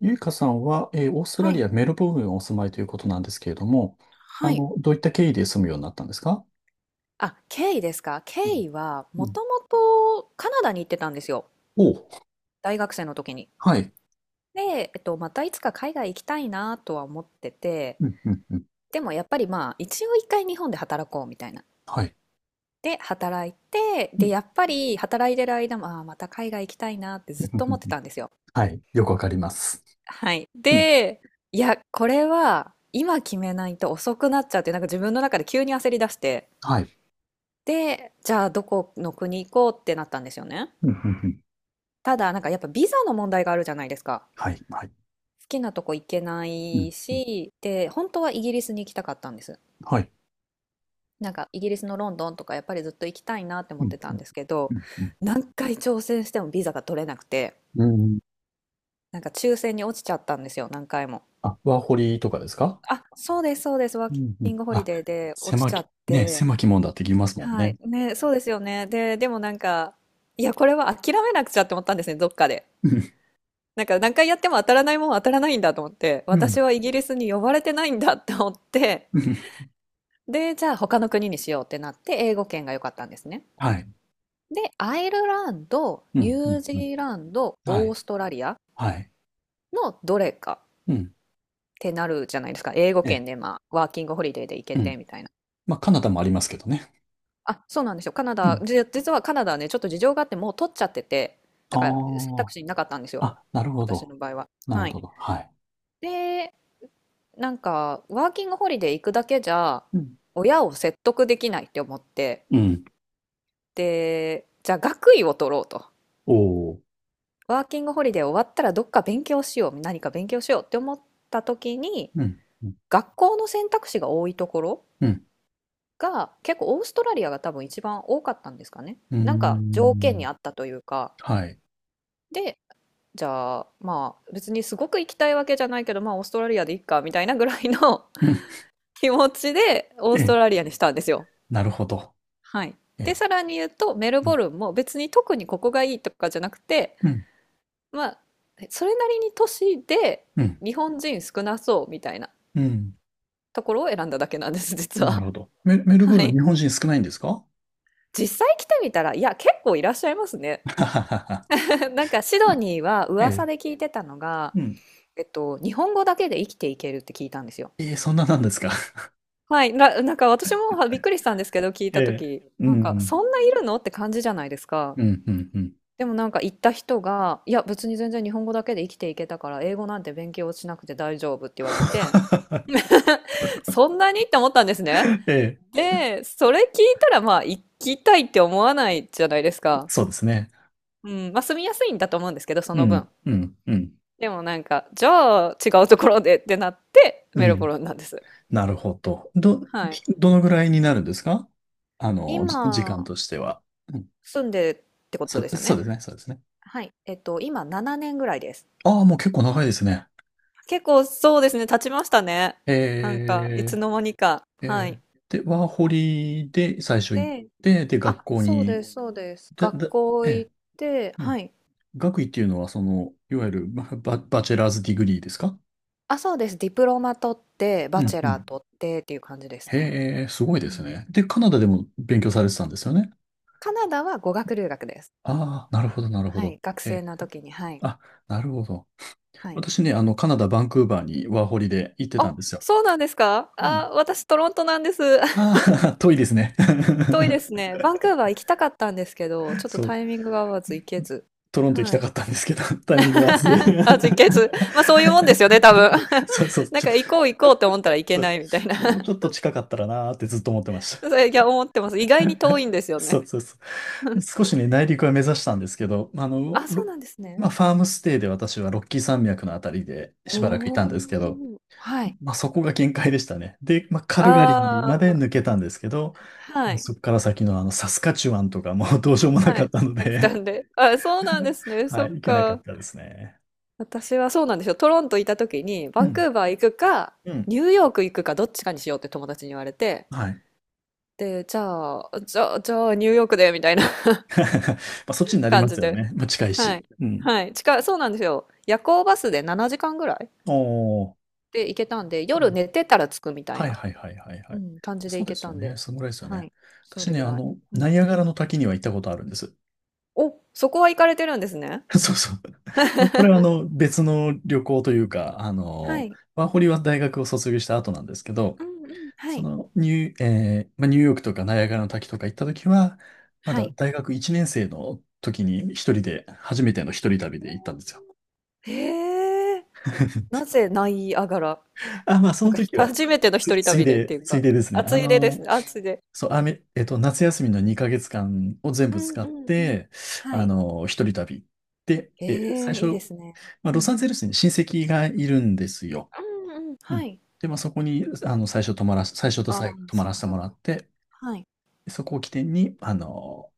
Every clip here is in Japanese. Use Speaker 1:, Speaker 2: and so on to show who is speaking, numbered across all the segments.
Speaker 1: ゆいかさんは、オースト
Speaker 2: は
Speaker 1: ラリ
Speaker 2: い、
Speaker 1: ア・メルボルンにお住まいということなんですけれども、
Speaker 2: はい。
Speaker 1: どういった経緯で住むようになったんですか？
Speaker 2: あ、ケイですか。ケ
Speaker 1: うん
Speaker 2: イは
Speaker 1: う
Speaker 2: も
Speaker 1: ん
Speaker 2: ともとカナダに行ってたんですよ。
Speaker 1: おう、
Speaker 2: 大学生の時に。
Speaker 1: はい。
Speaker 2: で、またいつか海外行きたいなとは思ってて、
Speaker 1: うんうんうん
Speaker 2: でもやっぱりまあ一応一回日本で働こうみたいな。
Speaker 1: はい。
Speaker 2: で、働いて、
Speaker 1: う
Speaker 2: で、
Speaker 1: ん
Speaker 2: やっぱり働いてる間も、ああ、また海外行きたいなって
Speaker 1: う
Speaker 2: ずっ
Speaker 1: んうん
Speaker 2: と
Speaker 1: う
Speaker 2: 思って
Speaker 1: ん
Speaker 2: たんですよ。
Speaker 1: はい。よくわかります。
Speaker 2: はい。
Speaker 1: うん。
Speaker 2: で、いや、これは今決めないと遅くなっちゃって、なんか自分の中で急に焦り出して、
Speaker 1: はい。
Speaker 2: で、じゃあどこの国行こうってなったんですよね。
Speaker 1: うんうんうん
Speaker 2: ただ、なんかやっぱビザの問題があるじゃないですか。
Speaker 1: はい。はい。
Speaker 2: 好きなとこ行けな
Speaker 1: う
Speaker 2: い
Speaker 1: ん。
Speaker 2: し、で、本当はイギリスに行きたかったんです。
Speaker 1: はい。
Speaker 2: なんかイギリスのロンドンとかやっぱりずっと行きたいなって思
Speaker 1: う
Speaker 2: っ
Speaker 1: ん
Speaker 2: てたんですけど、
Speaker 1: うん
Speaker 2: 何回挑戦してもビザが取れなくて、
Speaker 1: うんうん
Speaker 2: なんか抽選に落ちちゃったんですよ、何回も。
Speaker 1: あ、ワーホリとかですか？
Speaker 2: あ、そうです、そうです、ワー
Speaker 1: うんう
Speaker 2: キ
Speaker 1: ん
Speaker 2: ングホリ
Speaker 1: あ、
Speaker 2: デーで落ちちゃって、
Speaker 1: 狭きもんだって言いますもん
Speaker 2: はい、
Speaker 1: ね。
Speaker 2: ね、そうですよね。で、でもなんか、いや、これは諦めなくちゃって思ったんですね、どっかで。
Speaker 1: うん。
Speaker 2: なんか何回やっても当たらないもんは当たらないんだと思って、
Speaker 1: う
Speaker 2: 私
Speaker 1: ん
Speaker 2: はイギリスに呼ばれてないんだって思って、
Speaker 1: うん
Speaker 2: で、じゃあ他の国にしようってなって英語圏が良かったんですね。
Speaker 1: はい。
Speaker 2: で、アイルランド、
Speaker 1: う
Speaker 2: ニ
Speaker 1: んう
Speaker 2: ュー
Speaker 1: ん
Speaker 2: ジ
Speaker 1: うん
Speaker 2: ーランド、
Speaker 1: は
Speaker 2: オー
Speaker 1: い。
Speaker 2: ストラリア
Speaker 1: はい。
Speaker 2: のどれかっ
Speaker 1: うん。
Speaker 2: てなるじゃないですか。英語
Speaker 1: え
Speaker 2: 圏でまあ、ワーキングホリデーで行け
Speaker 1: え。
Speaker 2: てみたいな。
Speaker 1: まあ、カナダもありますけどね。
Speaker 2: あ、そうなんですよ。カナ
Speaker 1: う
Speaker 2: ダ、
Speaker 1: ん。
Speaker 2: 実はカナダはね、ちょっと事情があってもう取っちゃってて、だから選択
Speaker 1: あ
Speaker 2: 肢になかったんです
Speaker 1: あ。
Speaker 2: よ。
Speaker 1: あ、なるほ
Speaker 2: 私
Speaker 1: ど。
Speaker 2: の場合は。
Speaker 1: なる
Speaker 2: はい。
Speaker 1: ほど。はい。
Speaker 2: で、なんか、ワーキングホリデー行くだけじゃ、
Speaker 1: うん。
Speaker 2: 親を説得できないって思って、
Speaker 1: うん。
Speaker 2: で、じゃあ学位を取ろうと。
Speaker 1: おお。
Speaker 2: ワーキングホリデー終わったらどっか勉強しよう、何か勉強しようって思った時に、
Speaker 1: うん。うん。
Speaker 2: 学校の選択肢が多いところ
Speaker 1: うん。
Speaker 2: が、結構オーストラリアが多分一番多かったんですかね。
Speaker 1: うー
Speaker 2: なんか条件
Speaker 1: ん。
Speaker 2: にあったというか、
Speaker 1: はい。
Speaker 2: で、じゃあまあ別にすごく行きたいわけじゃないけど、まあオーストラリアでいっかみたいなぐらいの
Speaker 1: う ん。
Speaker 2: 気持ちでオースト
Speaker 1: え、
Speaker 2: ラリアにしたんですよ。
Speaker 1: なるほど。
Speaker 2: はい。で、
Speaker 1: え、
Speaker 2: さらに言うと、メル
Speaker 1: うん。
Speaker 2: ボルンも別に特にここがいいとかじゃなくて、
Speaker 1: うん。
Speaker 2: まあ、それなりに都市で
Speaker 1: うん。
Speaker 2: 日本人少なそうみたいな
Speaker 1: うん。
Speaker 2: ところを選んだだけなんです、実
Speaker 1: なる
Speaker 2: は。
Speaker 1: ほど。メルブ
Speaker 2: は
Speaker 1: ルン、日
Speaker 2: い。
Speaker 1: 本人少ないんですか？は
Speaker 2: 実際来てみたら、いや、結構いらっしゃいますね。
Speaker 1: ははは
Speaker 2: なんかシドニーは
Speaker 1: え
Speaker 2: 噂
Speaker 1: え。
Speaker 2: で聞いてたのが、
Speaker 1: うん。
Speaker 2: 日本語だけで生きていけるって聞いたんですよ。
Speaker 1: ええ、そんななんですか？
Speaker 2: はい、なんか私もはびっくりしたんですけど、聞い
Speaker 1: え
Speaker 2: た
Speaker 1: え。
Speaker 2: 時
Speaker 1: う
Speaker 2: なんか
Speaker 1: ん。
Speaker 2: そんないるのって感じじゃないですか。
Speaker 1: うん。うん。うん。
Speaker 2: でもなんか行った人が、いや別に全然日本語だけで生きていけたから英語なんて勉強しなくて大丈夫って言われて、そんなにって思ったんですね。
Speaker 1: ええ。
Speaker 2: で、それ聞いたらまあ行きたいって思わないじゃないですか。
Speaker 1: そうですね。
Speaker 2: うん、まあ住みやすいんだと思うんですけど、そ
Speaker 1: う
Speaker 2: の
Speaker 1: ん。
Speaker 2: 分。
Speaker 1: うん。うん。
Speaker 2: でもなんか、じゃあ違うところでってなって
Speaker 1: う
Speaker 2: メルボ
Speaker 1: ん。
Speaker 2: ルンなんです。
Speaker 1: なるほど。
Speaker 2: はい。
Speaker 1: どのぐらいになるんですか？時間
Speaker 2: 今
Speaker 1: としては。うん、
Speaker 2: 住んでってこ
Speaker 1: そ
Speaker 2: とです
Speaker 1: う、
Speaker 2: よ
Speaker 1: そう
Speaker 2: ね。
Speaker 1: ですね、そうですね。
Speaker 2: はい。今7年ぐらいです。
Speaker 1: ああ、もう結構長いですね。
Speaker 2: 結構そうですね、経ちましたね。なんか、い
Speaker 1: え
Speaker 2: つの間にか。
Speaker 1: ー、
Speaker 2: はい。
Speaker 1: えー、で、ワーホリで最初行っ
Speaker 2: で、
Speaker 1: て、で、学
Speaker 2: あ、
Speaker 1: 校
Speaker 2: そうで
Speaker 1: に、
Speaker 2: す、そうです。
Speaker 1: で、
Speaker 2: 学
Speaker 1: で、
Speaker 2: 校
Speaker 1: え
Speaker 2: 行
Speaker 1: え、
Speaker 2: って、
Speaker 1: う
Speaker 2: は
Speaker 1: ん。
Speaker 2: い。
Speaker 1: 学位っていうのは、いわゆるババチェラーズディグリーですか？
Speaker 2: あ、そうです。ディプロマ取って、
Speaker 1: う
Speaker 2: バチ
Speaker 1: ん、
Speaker 2: ェ
Speaker 1: う
Speaker 2: ラー
Speaker 1: ん。
Speaker 2: 取ってっていう感じですね。
Speaker 1: へえ、す
Speaker 2: う
Speaker 1: ごいです
Speaker 2: ん。
Speaker 1: ね。で、カナダでも勉強されてたんですよね。
Speaker 2: カナダは語学留学です。
Speaker 1: ああ、なるほど、なるほ
Speaker 2: は
Speaker 1: ど。
Speaker 2: い。学
Speaker 1: え
Speaker 2: 生
Speaker 1: え、
Speaker 2: の時に、はい。
Speaker 1: あ、なるほど。
Speaker 2: はい。
Speaker 1: 私ね、カナダ・バンクーバーにワーホリで行ってたん
Speaker 2: あ、
Speaker 1: ですよ。
Speaker 2: そうなんですか
Speaker 1: うん。
Speaker 2: あ、私トロントなんです。
Speaker 1: あ あ、遠いですね。
Speaker 2: 遠いです ね。バンクーバー行きたかったんですけど、ちょっと
Speaker 1: そう、
Speaker 2: タイミングが合わず行けず。
Speaker 1: トロント行き
Speaker 2: は
Speaker 1: たか
Speaker 2: い。
Speaker 1: ったんですけど、タイミング合わず。
Speaker 2: あ、実決。まあそういうもんですよね、多分。
Speaker 1: そうそう、
Speaker 2: なんか行こう行こうって思ったらいけ
Speaker 1: そ
Speaker 2: な
Speaker 1: う、
Speaker 2: いみたいな。
Speaker 1: もうちょっ と近かったらなーってずっと思ってまし
Speaker 2: それ、いや、思ってます。意
Speaker 1: た。
Speaker 2: 外に遠 いんですよ
Speaker 1: そ
Speaker 2: ね。
Speaker 1: うそうそう。少しね、内陸は目指したんですけど、
Speaker 2: あ、そうなんです
Speaker 1: ま
Speaker 2: ね。
Speaker 1: あ、ファームステイで私はロッキー山脈のあたりで
Speaker 2: お
Speaker 1: しばらくいたんですけど、
Speaker 2: お。はい。
Speaker 1: まあ、そこが限界でしたね。で、まあ、カルガリー
Speaker 2: あ
Speaker 1: まで
Speaker 2: あ、
Speaker 1: 抜けたんですけど、
Speaker 2: はい。
Speaker 1: そこから先のあのサスカチュワンとかもうどうしようもな
Speaker 2: は
Speaker 1: かっ
Speaker 2: い。
Speaker 1: たの
Speaker 2: たくさ
Speaker 1: で
Speaker 2: んで。あ、そうなん ですね。そ
Speaker 1: は
Speaker 2: っ
Speaker 1: い、行けなか
Speaker 2: か。
Speaker 1: ったですね。
Speaker 2: 私はそうなんですよ。トロントいた時に、
Speaker 1: う
Speaker 2: バンク
Speaker 1: ん、
Speaker 2: ーバー行くか、
Speaker 1: うん、
Speaker 2: ニューヨーク行くか、どっちかにしようって友達に言われて、
Speaker 1: はい。ま
Speaker 2: で、じゃあ、ニューヨークで、みたいな
Speaker 1: あ、そっちになり
Speaker 2: 感
Speaker 1: ま
Speaker 2: じ
Speaker 1: すよ
Speaker 2: で。
Speaker 1: ね。まあ、近い
Speaker 2: は
Speaker 1: し。
Speaker 2: い。
Speaker 1: うん。
Speaker 2: はい。近い、そうなんですよ。夜行バスで7時間ぐらい
Speaker 1: おー。
Speaker 2: で行けたんで、
Speaker 1: う
Speaker 2: 夜
Speaker 1: ん
Speaker 2: 寝てたら着くみたい
Speaker 1: はい
Speaker 2: な、
Speaker 1: はいはいはいは
Speaker 2: う
Speaker 1: い。
Speaker 2: ん、感じで
Speaker 1: そう
Speaker 2: 行
Speaker 1: で
Speaker 2: け
Speaker 1: す
Speaker 2: た
Speaker 1: よ
Speaker 2: ん
Speaker 1: ね。
Speaker 2: で。
Speaker 1: そのぐらいですよ
Speaker 2: は
Speaker 1: ね。
Speaker 2: い。そ
Speaker 1: 私
Speaker 2: れ
Speaker 1: ね、
Speaker 2: ぐらい。う
Speaker 1: ナ
Speaker 2: ん、
Speaker 1: イアガラの滝には行ったことあるんです。
Speaker 2: お、そこは行かれてるんですね。
Speaker 1: そうそう。まあこれは別の旅行というか、
Speaker 2: はい。
Speaker 1: ワーホリは大学を卒業した後なんですけど、
Speaker 2: うんうん。は
Speaker 1: そ
Speaker 2: い。
Speaker 1: のニュー、えーまあ、ニューヨークとかナイアガラの滝とか行った時は、ま
Speaker 2: は
Speaker 1: だ
Speaker 2: い。
Speaker 1: 大学1年生の時に一人で、初めての一人旅
Speaker 2: お
Speaker 1: で行ったんですよ。
Speaker 2: ーへえ。な ぜナイアガラ
Speaker 1: あ、まあそ
Speaker 2: なん
Speaker 1: の
Speaker 2: かひ
Speaker 1: 時は、
Speaker 2: 初 めての一人旅でっていう
Speaker 1: つい
Speaker 2: か、
Speaker 1: でですね。
Speaker 2: 暑いでですね。暑いで。
Speaker 1: そう、あめ、えっと、夏休みの2ヶ月間を全
Speaker 2: う
Speaker 1: 部
Speaker 2: ん
Speaker 1: 使
Speaker 2: う
Speaker 1: っ
Speaker 2: んうん。
Speaker 1: て、
Speaker 2: はい。
Speaker 1: 一人旅。で、
Speaker 2: え
Speaker 1: 最
Speaker 2: え、
Speaker 1: 初、
Speaker 2: いいですね。
Speaker 1: まあ、
Speaker 2: う
Speaker 1: ロサ
Speaker 2: ん。
Speaker 1: ンゼルスに親戚がいるんですよ。
Speaker 2: うんうん。
Speaker 1: う
Speaker 2: は
Speaker 1: ん。
Speaker 2: い。
Speaker 1: で、まあそこに、最初と
Speaker 2: ああ、
Speaker 1: 最後泊ま
Speaker 2: そっ
Speaker 1: らせ
Speaker 2: か
Speaker 1: て
Speaker 2: そっ
Speaker 1: もらっ
Speaker 2: か。
Speaker 1: て、
Speaker 2: はい。
Speaker 1: そこを起点に、あの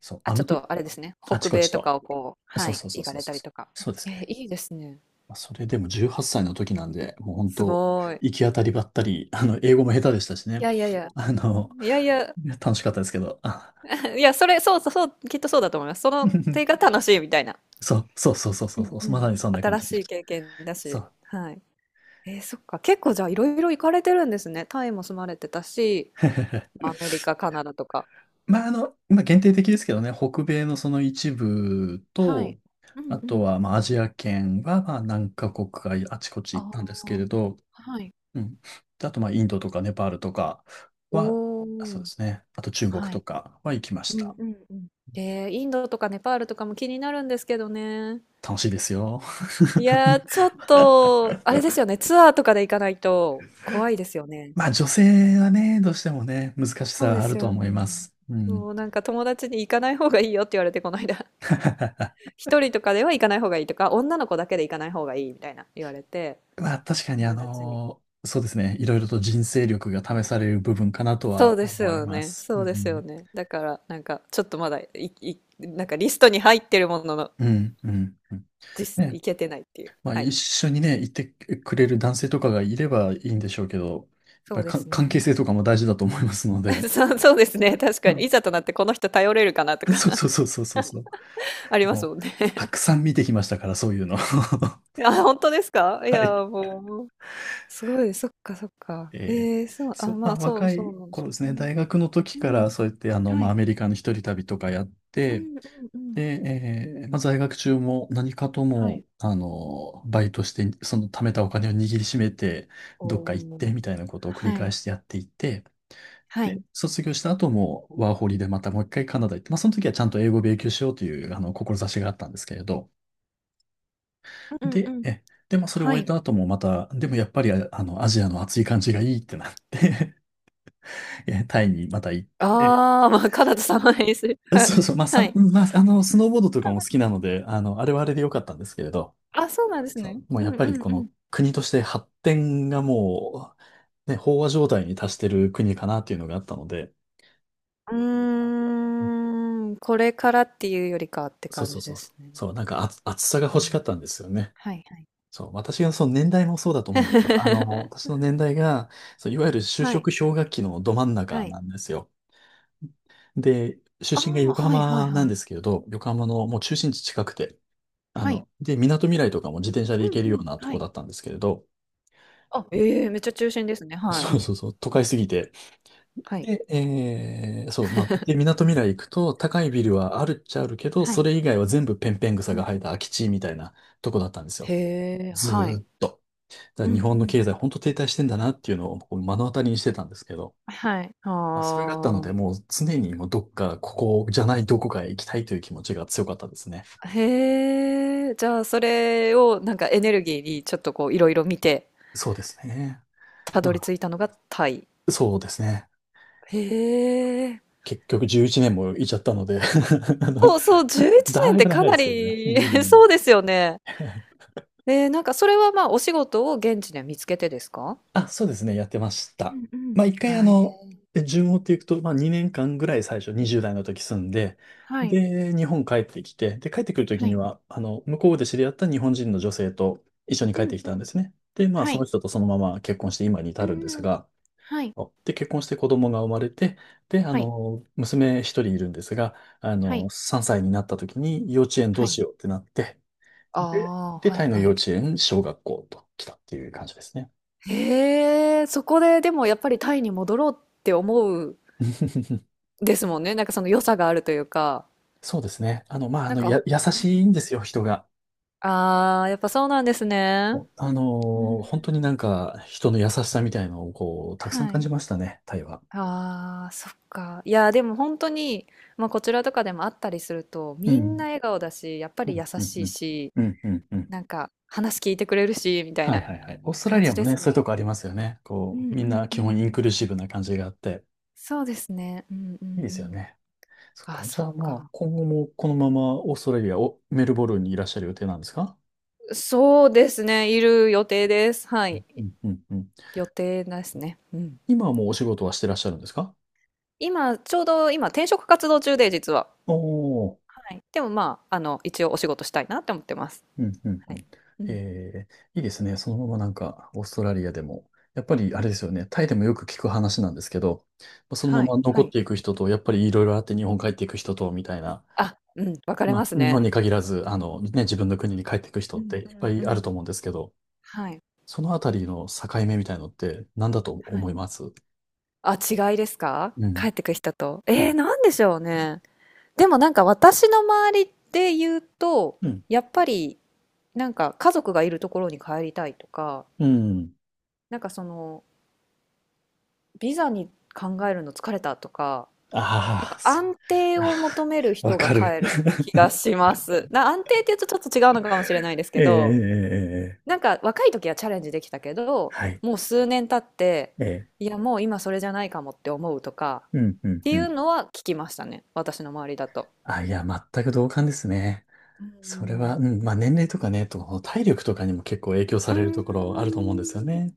Speaker 1: そう、
Speaker 2: あ、
Speaker 1: あ
Speaker 2: ちょ
Speaker 1: の
Speaker 2: っ
Speaker 1: と、
Speaker 2: とあれですね。
Speaker 1: あち
Speaker 2: 北
Speaker 1: こ
Speaker 2: 米
Speaker 1: ち
Speaker 2: と
Speaker 1: と。
Speaker 2: かをこう、は
Speaker 1: そう
Speaker 2: い、
Speaker 1: そうそ
Speaker 2: 行
Speaker 1: う
Speaker 2: か
Speaker 1: そう
Speaker 2: れ
Speaker 1: そ
Speaker 2: た
Speaker 1: う
Speaker 2: り
Speaker 1: そう。
Speaker 2: とか。
Speaker 1: そうです
Speaker 2: え
Speaker 1: ね。
Speaker 2: いいですね。
Speaker 1: まあ、それでも18歳の時なんで、もう本
Speaker 2: す
Speaker 1: 当、
Speaker 2: ごい。
Speaker 1: 行き当たりばったり、英語も下手でしたし
Speaker 2: い
Speaker 1: ね。
Speaker 2: やいやいや。
Speaker 1: あの、
Speaker 2: いやいや、
Speaker 1: いや楽しかったですけど。あ
Speaker 2: いや、それ、そうそう、そう、きっとそうだと思います。その手が 楽しいみたいな。
Speaker 1: そうそうそうそう
Speaker 2: う
Speaker 1: そう
Speaker 2: ん
Speaker 1: そう、
Speaker 2: う
Speaker 1: まさ
Speaker 2: ん。
Speaker 1: にそんな感
Speaker 2: 新
Speaker 1: じ
Speaker 2: し
Speaker 1: でし
Speaker 2: い
Speaker 1: た。
Speaker 2: 経験だ
Speaker 1: そ
Speaker 2: し。
Speaker 1: う。
Speaker 2: はい。えー、そっか。結構じゃあいろいろ行かれてるんですね。タイも住まれてたし、アメリカ、カナダとか。
Speaker 1: まあ、今限定的ですけどね、北米のその一部
Speaker 2: はい。
Speaker 1: と、
Speaker 2: う
Speaker 1: あ
Speaker 2: んう
Speaker 1: と
Speaker 2: ん。
Speaker 1: は、まあ、アジア圏は、まあ、何カ国かあちこち
Speaker 2: あ
Speaker 1: 行ったんですけ
Speaker 2: あ。
Speaker 1: れど、
Speaker 2: はい。
Speaker 1: うん。であと、まあ、インドとかネパールとかは、
Speaker 2: お
Speaker 1: あそう
Speaker 2: お。
Speaker 1: ですね。あと、中国
Speaker 2: は
Speaker 1: と
Speaker 2: い。
Speaker 1: かは行きまし
Speaker 2: うん
Speaker 1: た。
Speaker 2: うんうん。で、インドとかネパールとかも気になるんですけどね。
Speaker 1: 楽しいですよ。
Speaker 2: いやー、ちょっと、あれですよね。ツアーとかで行かないと怖いですよね。
Speaker 1: まあ、女性はね、どうしてもね、難し
Speaker 2: そ
Speaker 1: さ
Speaker 2: う
Speaker 1: は
Speaker 2: で
Speaker 1: ある
Speaker 2: す
Speaker 1: と
Speaker 2: よ
Speaker 1: 思いま
Speaker 2: ね。
Speaker 1: す。うん。
Speaker 2: そう、なんか友達に行かない方がいいよって言われて、この間。一人とかでは行かない方がいいとか、女の子だけで行かない方がいいみたいな言われて、
Speaker 1: まあ、確かに、
Speaker 2: 友達に。
Speaker 1: そうですね。いろいろと人生力が試される部分かなと
Speaker 2: そ
Speaker 1: は
Speaker 2: うです
Speaker 1: 思い
Speaker 2: よ
Speaker 1: ま
Speaker 2: ね。
Speaker 1: す。う
Speaker 2: そうですよ
Speaker 1: ん。
Speaker 2: ね。だから、なんか、ちょっとまだ、なんかリストに入ってるものの、
Speaker 1: うん、うん、うん。
Speaker 2: 実、
Speaker 1: ね。
Speaker 2: 行けてないっていう。
Speaker 1: まあ、
Speaker 2: は
Speaker 1: 一
Speaker 2: い。
Speaker 1: 緒にね、行ってくれる男性とかがいればいいんでしょうけど、やっ
Speaker 2: そ
Speaker 1: ぱ
Speaker 2: う
Speaker 1: り
Speaker 2: で
Speaker 1: か
Speaker 2: す
Speaker 1: 関係
Speaker 2: ね。
Speaker 1: 性とかも大事だと思いますの で。
Speaker 2: そうそうですね、確
Speaker 1: う
Speaker 2: かに。
Speaker 1: ん
Speaker 2: いざとなってこの人頼れるかなと
Speaker 1: そう
Speaker 2: か
Speaker 1: そうそうそうそうそう。
Speaker 2: あります
Speaker 1: も
Speaker 2: もん
Speaker 1: う、
Speaker 2: ね。
Speaker 1: た くさん見てきましたから、そういうの。は
Speaker 2: あ、本当ですかいや、
Speaker 1: い。
Speaker 2: もう、すごい、そっかそっか。
Speaker 1: えー
Speaker 2: ええ、そう、あ、
Speaker 1: そう、ま
Speaker 2: ま
Speaker 1: あ、
Speaker 2: あ、そう
Speaker 1: 若
Speaker 2: そう
Speaker 1: い
Speaker 2: なんで
Speaker 1: 頃
Speaker 2: す
Speaker 1: ですね、
Speaker 2: ね。
Speaker 1: 大学の時
Speaker 2: う
Speaker 1: から、
Speaker 2: ん。
Speaker 1: そうやって、
Speaker 2: は
Speaker 1: まあ、ア
Speaker 2: い。
Speaker 1: メリカの一人旅とかやっ
Speaker 2: う
Speaker 1: て、
Speaker 2: んうんうん。
Speaker 1: で、まあ、在学中も何かとも、バイトして、その貯めたお金を握りしめて、どっ
Speaker 2: お
Speaker 1: か行って、
Speaker 2: ー
Speaker 1: みたいなことを繰り
Speaker 2: は
Speaker 1: 返
Speaker 2: い。
Speaker 1: してやっていて、
Speaker 2: はい。
Speaker 1: で、卒業した後も、ワーホリでまたもう一回カナダ行って、まあ、その時はちゃんと英語を勉強しようという、志があったんですけれど、
Speaker 2: うんうんう
Speaker 1: で、
Speaker 2: ん。
Speaker 1: まあ、それを
Speaker 2: は
Speaker 1: 終え
Speaker 2: い。
Speaker 1: た後もまた、でもやっぱり、アジアの暑い感じがいいってなって タイにまた行って、
Speaker 2: ああ、まあ、カナダ様にする。はい。
Speaker 1: そうそう、まあ、
Speaker 2: はい。
Speaker 1: まあ、スノーボードと
Speaker 2: 多
Speaker 1: か
Speaker 2: 分
Speaker 1: も好きなので、あれはあれで良かったんですけれど、
Speaker 2: あ、そうなんです
Speaker 1: そ
Speaker 2: ね。
Speaker 1: う、もう
Speaker 2: う
Speaker 1: や
Speaker 2: ん
Speaker 1: っ
Speaker 2: う
Speaker 1: ぱりこ
Speaker 2: んうん。
Speaker 1: の国として発展がもう、ね、飽和状態に達してる国かなっていうのがあったので、
Speaker 2: うーん、これからっていうよりかって
Speaker 1: そう
Speaker 2: 感
Speaker 1: そう
Speaker 2: じ
Speaker 1: そ
Speaker 2: で
Speaker 1: うそう、
Speaker 2: すね。
Speaker 1: そう、なんか暑さが
Speaker 2: う
Speaker 1: 欲しかっ
Speaker 2: ん。
Speaker 1: たんですよね。
Speaker 2: はいはい。
Speaker 1: そう、私がその年代もそうだと思うんですよ。私 の年代が、そう、いわゆる就
Speaker 2: は
Speaker 1: 職
Speaker 2: い、
Speaker 1: 氷河期のど真ん中
Speaker 2: はい。
Speaker 1: なんですよ。で、
Speaker 2: あ
Speaker 1: 出身が
Speaker 2: あ、
Speaker 1: 横
Speaker 2: はいはい
Speaker 1: 浜なん
Speaker 2: はい。
Speaker 1: ですけれど、横浜のもう中心地近くて、
Speaker 2: はい。
Speaker 1: で、港未来とかも自転車で
Speaker 2: う
Speaker 1: 行
Speaker 2: ん
Speaker 1: けるよ
Speaker 2: う
Speaker 1: う
Speaker 2: ん、
Speaker 1: なと
Speaker 2: は
Speaker 1: こ
Speaker 2: い。
Speaker 1: だったんですけれど、
Speaker 2: あ、ええ、めっちゃ中心ですね。はい。
Speaker 1: そうそうそう、都会すぎて。
Speaker 2: はい。
Speaker 1: で、そう、まあ、で、港未来行くと、高いビルはあるっちゃあるけど、
Speaker 2: は
Speaker 1: そ
Speaker 2: い。
Speaker 1: れ以外は全部ペンペン草
Speaker 2: うん
Speaker 1: が生
Speaker 2: う
Speaker 1: えた
Speaker 2: ん。
Speaker 1: 空き地みたいなとこだったんです
Speaker 2: へ
Speaker 1: よ。
Speaker 2: え、
Speaker 1: ず
Speaker 2: はい。
Speaker 1: ーっと。だ
Speaker 2: う
Speaker 1: か
Speaker 2: ん
Speaker 1: ら
Speaker 2: う
Speaker 1: 日
Speaker 2: んう
Speaker 1: 本の経
Speaker 2: ん。
Speaker 1: 済、本当停滞してんだなっていうのをこう目の当たりにしてたんですけど、
Speaker 2: はい。
Speaker 1: まあ、それがあったの
Speaker 2: あ
Speaker 1: で、もう常にもうどっか、ここじゃないどこかへ行きたいという気持ちが強かったですね。
Speaker 2: あ。へえ、じゃあそれをなんかエネルギーにちょっとこういろいろ見て、
Speaker 1: そうですね。
Speaker 2: た
Speaker 1: ま
Speaker 2: どり
Speaker 1: あ、
Speaker 2: 着いたのがタイ。
Speaker 1: そうですね。
Speaker 2: へえ。
Speaker 1: 結局11年もいちゃったので あの、
Speaker 2: そうそう、11年
Speaker 1: だ
Speaker 2: っ
Speaker 1: い
Speaker 2: て
Speaker 1: ぶ
Speaker 2: か
Speaker 1: 長いで
Speaker 2: な
Speaker 1: すけどね。うん
Speaker 2: り
Speaker 1: うん
Speaker 2: そうですよね。ええ、なんかそれはまあお仕事を現地で見つけてですか？
Speaker 1: あ、そうですね、やってまし
Speaker 2: う
Speaker 1: た。
Speaker 2: んう
Speaker 1: ま
Speaker 2: ん。
Speaker 1: あ、一回あ
Speaker 2: あ、え
Speaker 1: の、
Speaker 2: ー
Speaker 1: で順を追っていくと、まあ2年間ぐらい最初20代の時住んで、で、日本帰ってきて、で、帰ってくる時には、向こうで知り合った日本人の女性と一緒に帰ってきたんですね。で、まあその人とそのまま結婚して今に至るんですが、で、結婚して子供が生まれて、で、娘一人いるんですが、3歳になった時に幼稚園どうしようってなって、で、
Speaker 2: は
Speaker 1: でタ
Speaker 2: い
Speaker 1: イの
Speaker 2: は
Speaker 1: 幼
Speaker 2: い
Speaker 1: 稚園、小学校と来たっていう感じですね。
Speaker 2: うんうんはいうんはいはいはいはいああはいはいへえ、そこででもやっぱりタイに戻ろうって思う ですもんね。なんかその良さがあるというか、
Speaker 1: そうですね。まあ、
Speaker 2: なんか
Speaker 1: 優
Speaker 2: うん
Speaker 1: しい
Speaker 2: う
Speaker 1: んで
Speaker 2: ん。
Speaker 1: すよ、人が。
Speaker 2: ああ、やっぱそうなんですね。うー
Speaker 1: 本当にな
Speaker 2: ん。
Speaker 1: んか、人の優しさみたいのを、こう、たくさん
Speaker 2: は
Speaker 1: 感じ
Speaker 2: い。
Speaker 1: ましたね、タイは。
Speaker 2: ああ、そっか。いや、でも本当に、まあ、こちらとかでもあったりすると、
Speaker 1: う
Speaker 2: みんな
Speaker 1: ん。
Speaker 2: 笑顔だし、やっぱ
Speaker 1: う
Speaker 2: り
Speaker 1: ん、
Speaker 2: 優
Speaker 1: うん、
Speaker 2: し
Speaker 1: う
Speaker 2: い
Speaker 1: ん。
Speaker 2: し
Speaker 1: うん、うん、うん。
Speaker 2: なんか話聞いてくれるし、みたい
Speaker 1: はい、
Speaker 2: な
Speaker 1: はい、はい。オーストラ
Speaker 2: 感
Speaker 1: リア
Speaker 2: じ
Speaker 1: も
Speaker 2: で
Speaker 1: ね、
Speaker 2: す
Speaker 1: そういうと
Speaker 2: ね。
Speaker 1: こありますよね。
Speaker 2: う
Speaker 1: こ
Speaker 2: ん
Speaker 1: う、み
Speaker 2: う
Speaker 1: ん
Speaker 2: ん
Speaker 1: な
Speaker 2: う
Speaker 1: 基本
Speaker 2: ん
Speaker 1: イ
Speaker 2: う
Speaker 1: ンク
Speaker 2: ん。
Speaker 1: ルーシブな感じがあって、
Speaker 2: そうですね。うんう
Speaker 1: いい
Speaker 2: ん
Speaker 1: で
Speaker 2: う
Speaker 1: すよ
Speaker 2: ん。
Speaker 1: ね。そっ
Speaker 2: あ、
Speaker 1: か。じ
Speaker 2: そ
Speaker 1: ゃ
Speaker 2: っ
Speaker 1: あ、まあ、
Speaker 2: か。
Speaker 1: 今後もこのままオーストラリアを、メルボルンにいらっしゃる予定なんですか？
Speaker 2: そうですね。いる予定です。は
Speaker 1: う
Speaker 2: い。
Speaker 1: ん、うん、うん。
Speaker 2: 予定ですね。うん。
Speaker 1: 今はもうお仕事はしてらっしゃるんですか？
Speaker 2: 今、ちょうど今、転職活動中で、実は。
Speaker 1: おおー、
Speaker 2: はい。でもまあ、一応お仕事したいなって思ってます。
Speaker 1: うんうん
Speaker 2: は
Speaker 1: う
Speaker 2: い。
Speaker 1: ん。
Speaker 2: うん。
Speaker 1: えいいですね。そのままなんか、オーストラリアでも。やっぱりあれですよね。タイでもよく聞く話なんですけど、まあそのま
Speaker 2: はい。
Speaker 1: ま残
Speaker 2: は
Speaker 1: っ
Speaker 2: い。
Speaker 1: ていく人と、やっぱりいろいろあって日本帰っていく人と、みたいな。
Speaker 2: あ、うん。分かれ
Speaker 1: ま
Speaker 2: ま
Speaker 1: あ、
Speaker 2: す
Speaker 1: 日本
Speaker 2: ね。
Speaker 1: に限らず、ね、自分の国に帰っていく人
Speaker 2: う
Speaker 1: って
Speaker 2: ん
Speaker 1: いっぱ
Speaker 2: う
Speaker 1: い
Speaker 2: んう
Speaker 1: ある
Speaker 2: ん。
Speaker 1: と思うんですけど、
Speaker 2: はい。
Speaker 1: そのあたりの境目みたいのって何だと
Speaker 2: は
Speaker 1: 思
Speaker 2: い。
Speaker 1: います？
Speaker 2: あ、違いですか
Speaker 1: うん。
Speaker 2: 帰ってくる人と。えー、なんでしょうね。でもなんか私の周りで言うと、
Speaker 1: うん。
Speaker 2: やっぱりなんか家族がいるところに帰りたいとか、
Speaker 1: うん。
Speaker 2: なんかそのビザに考えるの疲れたとか、なん
Speaker 1: ああ、
Speaker 2: か
Speaker 1: そ
Speaker 2: 安定
Speaker 1: あ
Speaker 2: を求める
Speaker 1: ーわ
Speaker 2: 人が
Speaker 1: かる。
Speaker 2: 帰る気がします。安定って言うとちょっと違うのかもしれないで す
Speaker 1: え
Speaker 2: け
Speaker 1: えええ
Speaker 2: ど、
Speaker 1: ええ、
Speaker 2: なんか若い時はチャレンジできたけど、
Speaker 1: はい。
Speaker 2: もう数年経って、
Speaker 1: ええ、
Speaker 2: いやもう今それじゃないかもって思うとか、
Speaker 1: うん、う
Speaker 2: っ
Speaker 1: ん、
Speaker 2: て
Speaker 1: う
Speaker 2: いう
Speaker 1: ん。
Speaker 2: のは聞きましたね。私の周りだと。
Speaker 1: あ、いや、全く同感ですね。
Speaker 2: う
Speaker 1: それは、
Speaker 2: ん。
Speaker 1: うん、まあ年齢とかね、と体力とかにも結構影響さ
Speaker 2: うー
Speaker 1: れるところあると思
Speaker 2: ん
Speaker 1: うんですよね。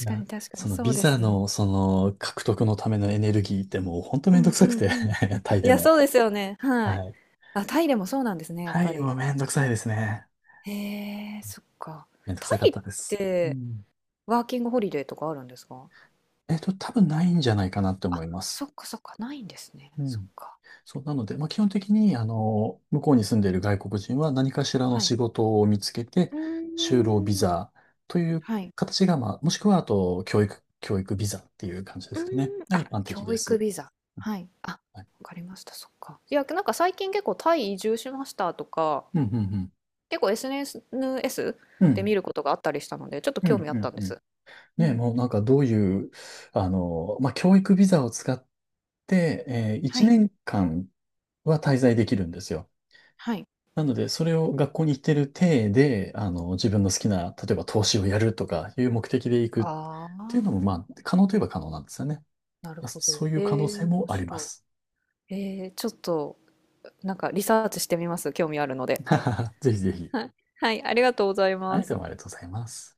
Speaker 1: い
Speaker 2: か
Speaker 1: や、
Speaker 2: に確かに、
Speaker 1: その
Speaker 2: そう
Speaker 1: ビ
Speaker 2: で
Speaker 1: ザ
Speaker 2: すね。
Speaker 1: のその獲得のためのエネルギーってもうほんと
Speaker 2: う
Speaker 1: めん
Speaker 2: ん
Speaker 1: ど
Speaker 2: う
Speaker 1: くさく
Speaker 2: ん
Speaker 1: て
Speaker 2: うん。
Speaker 1: タイ
Speaker 2: い
Speaker 1: で
Speaker 2: や、そ
Speaker 1: も。
Speaker 2: うですよね。はい。
Speaker 1: はい。
Speaker 2: あ、タイでもそうなんですね、やっ
Speaker 1: タ
Speaker 2: ぱ
Speaker 1: イ
Speaker 2: り。
Speaker 1: もめんどくさいですね。
Speaker 2: へえ、そっか。
Speaker 1: めんどく
Speaker 2: タ
Speaker 1: さかっ
Speaker 2: イ
Speaker 1: たで
Speaker 2: っ
Speaker 1: す。う
Speaker 2: て
Speaker 1: ん。
Speaker 2: ワーキングホリデーとかあるんですか
Speaker 1: 多分ないんじゃないかなって
Speaker 2: あ、
Speaker 1: 思いま
Speaker 2: そっ
Speaker 1: す。
Speaker 2: かそっか、ないんですね。
Speaker 1: う
Speaker 2: そっ
Speaker 1: ん。
Speaker 2: か。
Speaker 1: そう、なので、まあ、基本的に、向こうに住んでいる外国人は何かしらの
Speaker 2: はい。
Speaker 1: 仕事を見つけて、
Speaker 2: う
Speaker 1: 就労ビ
Speaker 2: ーん。
Speaker 1: ザという
Speaker 2: はい。
Speaker 1: 形が、まあ、もしくは、あと、教育ビザっていう感じで
Speaker 2: うー
Speaker 1: す
Speaker 2: ん。
Speaker 1: かね。が一
Speaker 2: あ、
Speaker 1: 般
Speaker 2: 教
Speaker 1: 的で
Speaker 2: 育
Speaker 1: す。
Speaker 2: ビザ。はい。あ、わ
Speaker 1: はい。
Speaker 2: かりました。そっか。いや、なんか最近結構タイ移住しましたとか、
Speaker 1: うん、うん、うん。
Speaker 2: 結構 SNS
Speaker 1: う
Speaker 2: で見
Speaker 1: ん、
Speaker 2: ることがあったりしたので、ちょっと
Speaker 1: うん、
Speaker 2: 興味あっ
Speaker 1: う
Speaker 2: た
Speaker 1: ん、
Speaker 2: んで
Speaker 1: うん。
Speaker 2: す。う
Speaker 1: ね、
Speaker 2: ん。
Speaker 1: もうなんかどういう、まあ、教育ビザを使って、
Speaker 2: は
Speaker 1: 1
Speaker 2: い。
Speaker 1: 年間は滞在できるんですよ。
Speaker 2: はい。
Speaker 1: なので、それを学校に行ってる体で、自分の好きな、例えば投資をやるとかいう目的で行くっ
Speaker 2: あ
Speaker 1: ていうのも、
Speaker 2: あ、
Speaker 1: まあ、可能といえば可能なんですよね。
Speaker 2: なるほ
Speaker 1: そ
Speaker 2: ど。
Speaker 1: そういう可能
Speaker 2: え
Speaker 1: 性
Speaker 2: え、面
Speaker 1: もありま
Speaker 2: 白
Speaker 1: す。
Speaker 2: い。ええ、ちょっと、なんかリサーチしてみます。興味あるので。
Speaker 1: ぜひぜひ。
Speaker 2: はい、はい、ありがとうござい
Speaker 1: は
Speaker 2: ま
Speaker 1: い、どう
Speaker 2: す。
Speaker 1: もありがとうございます。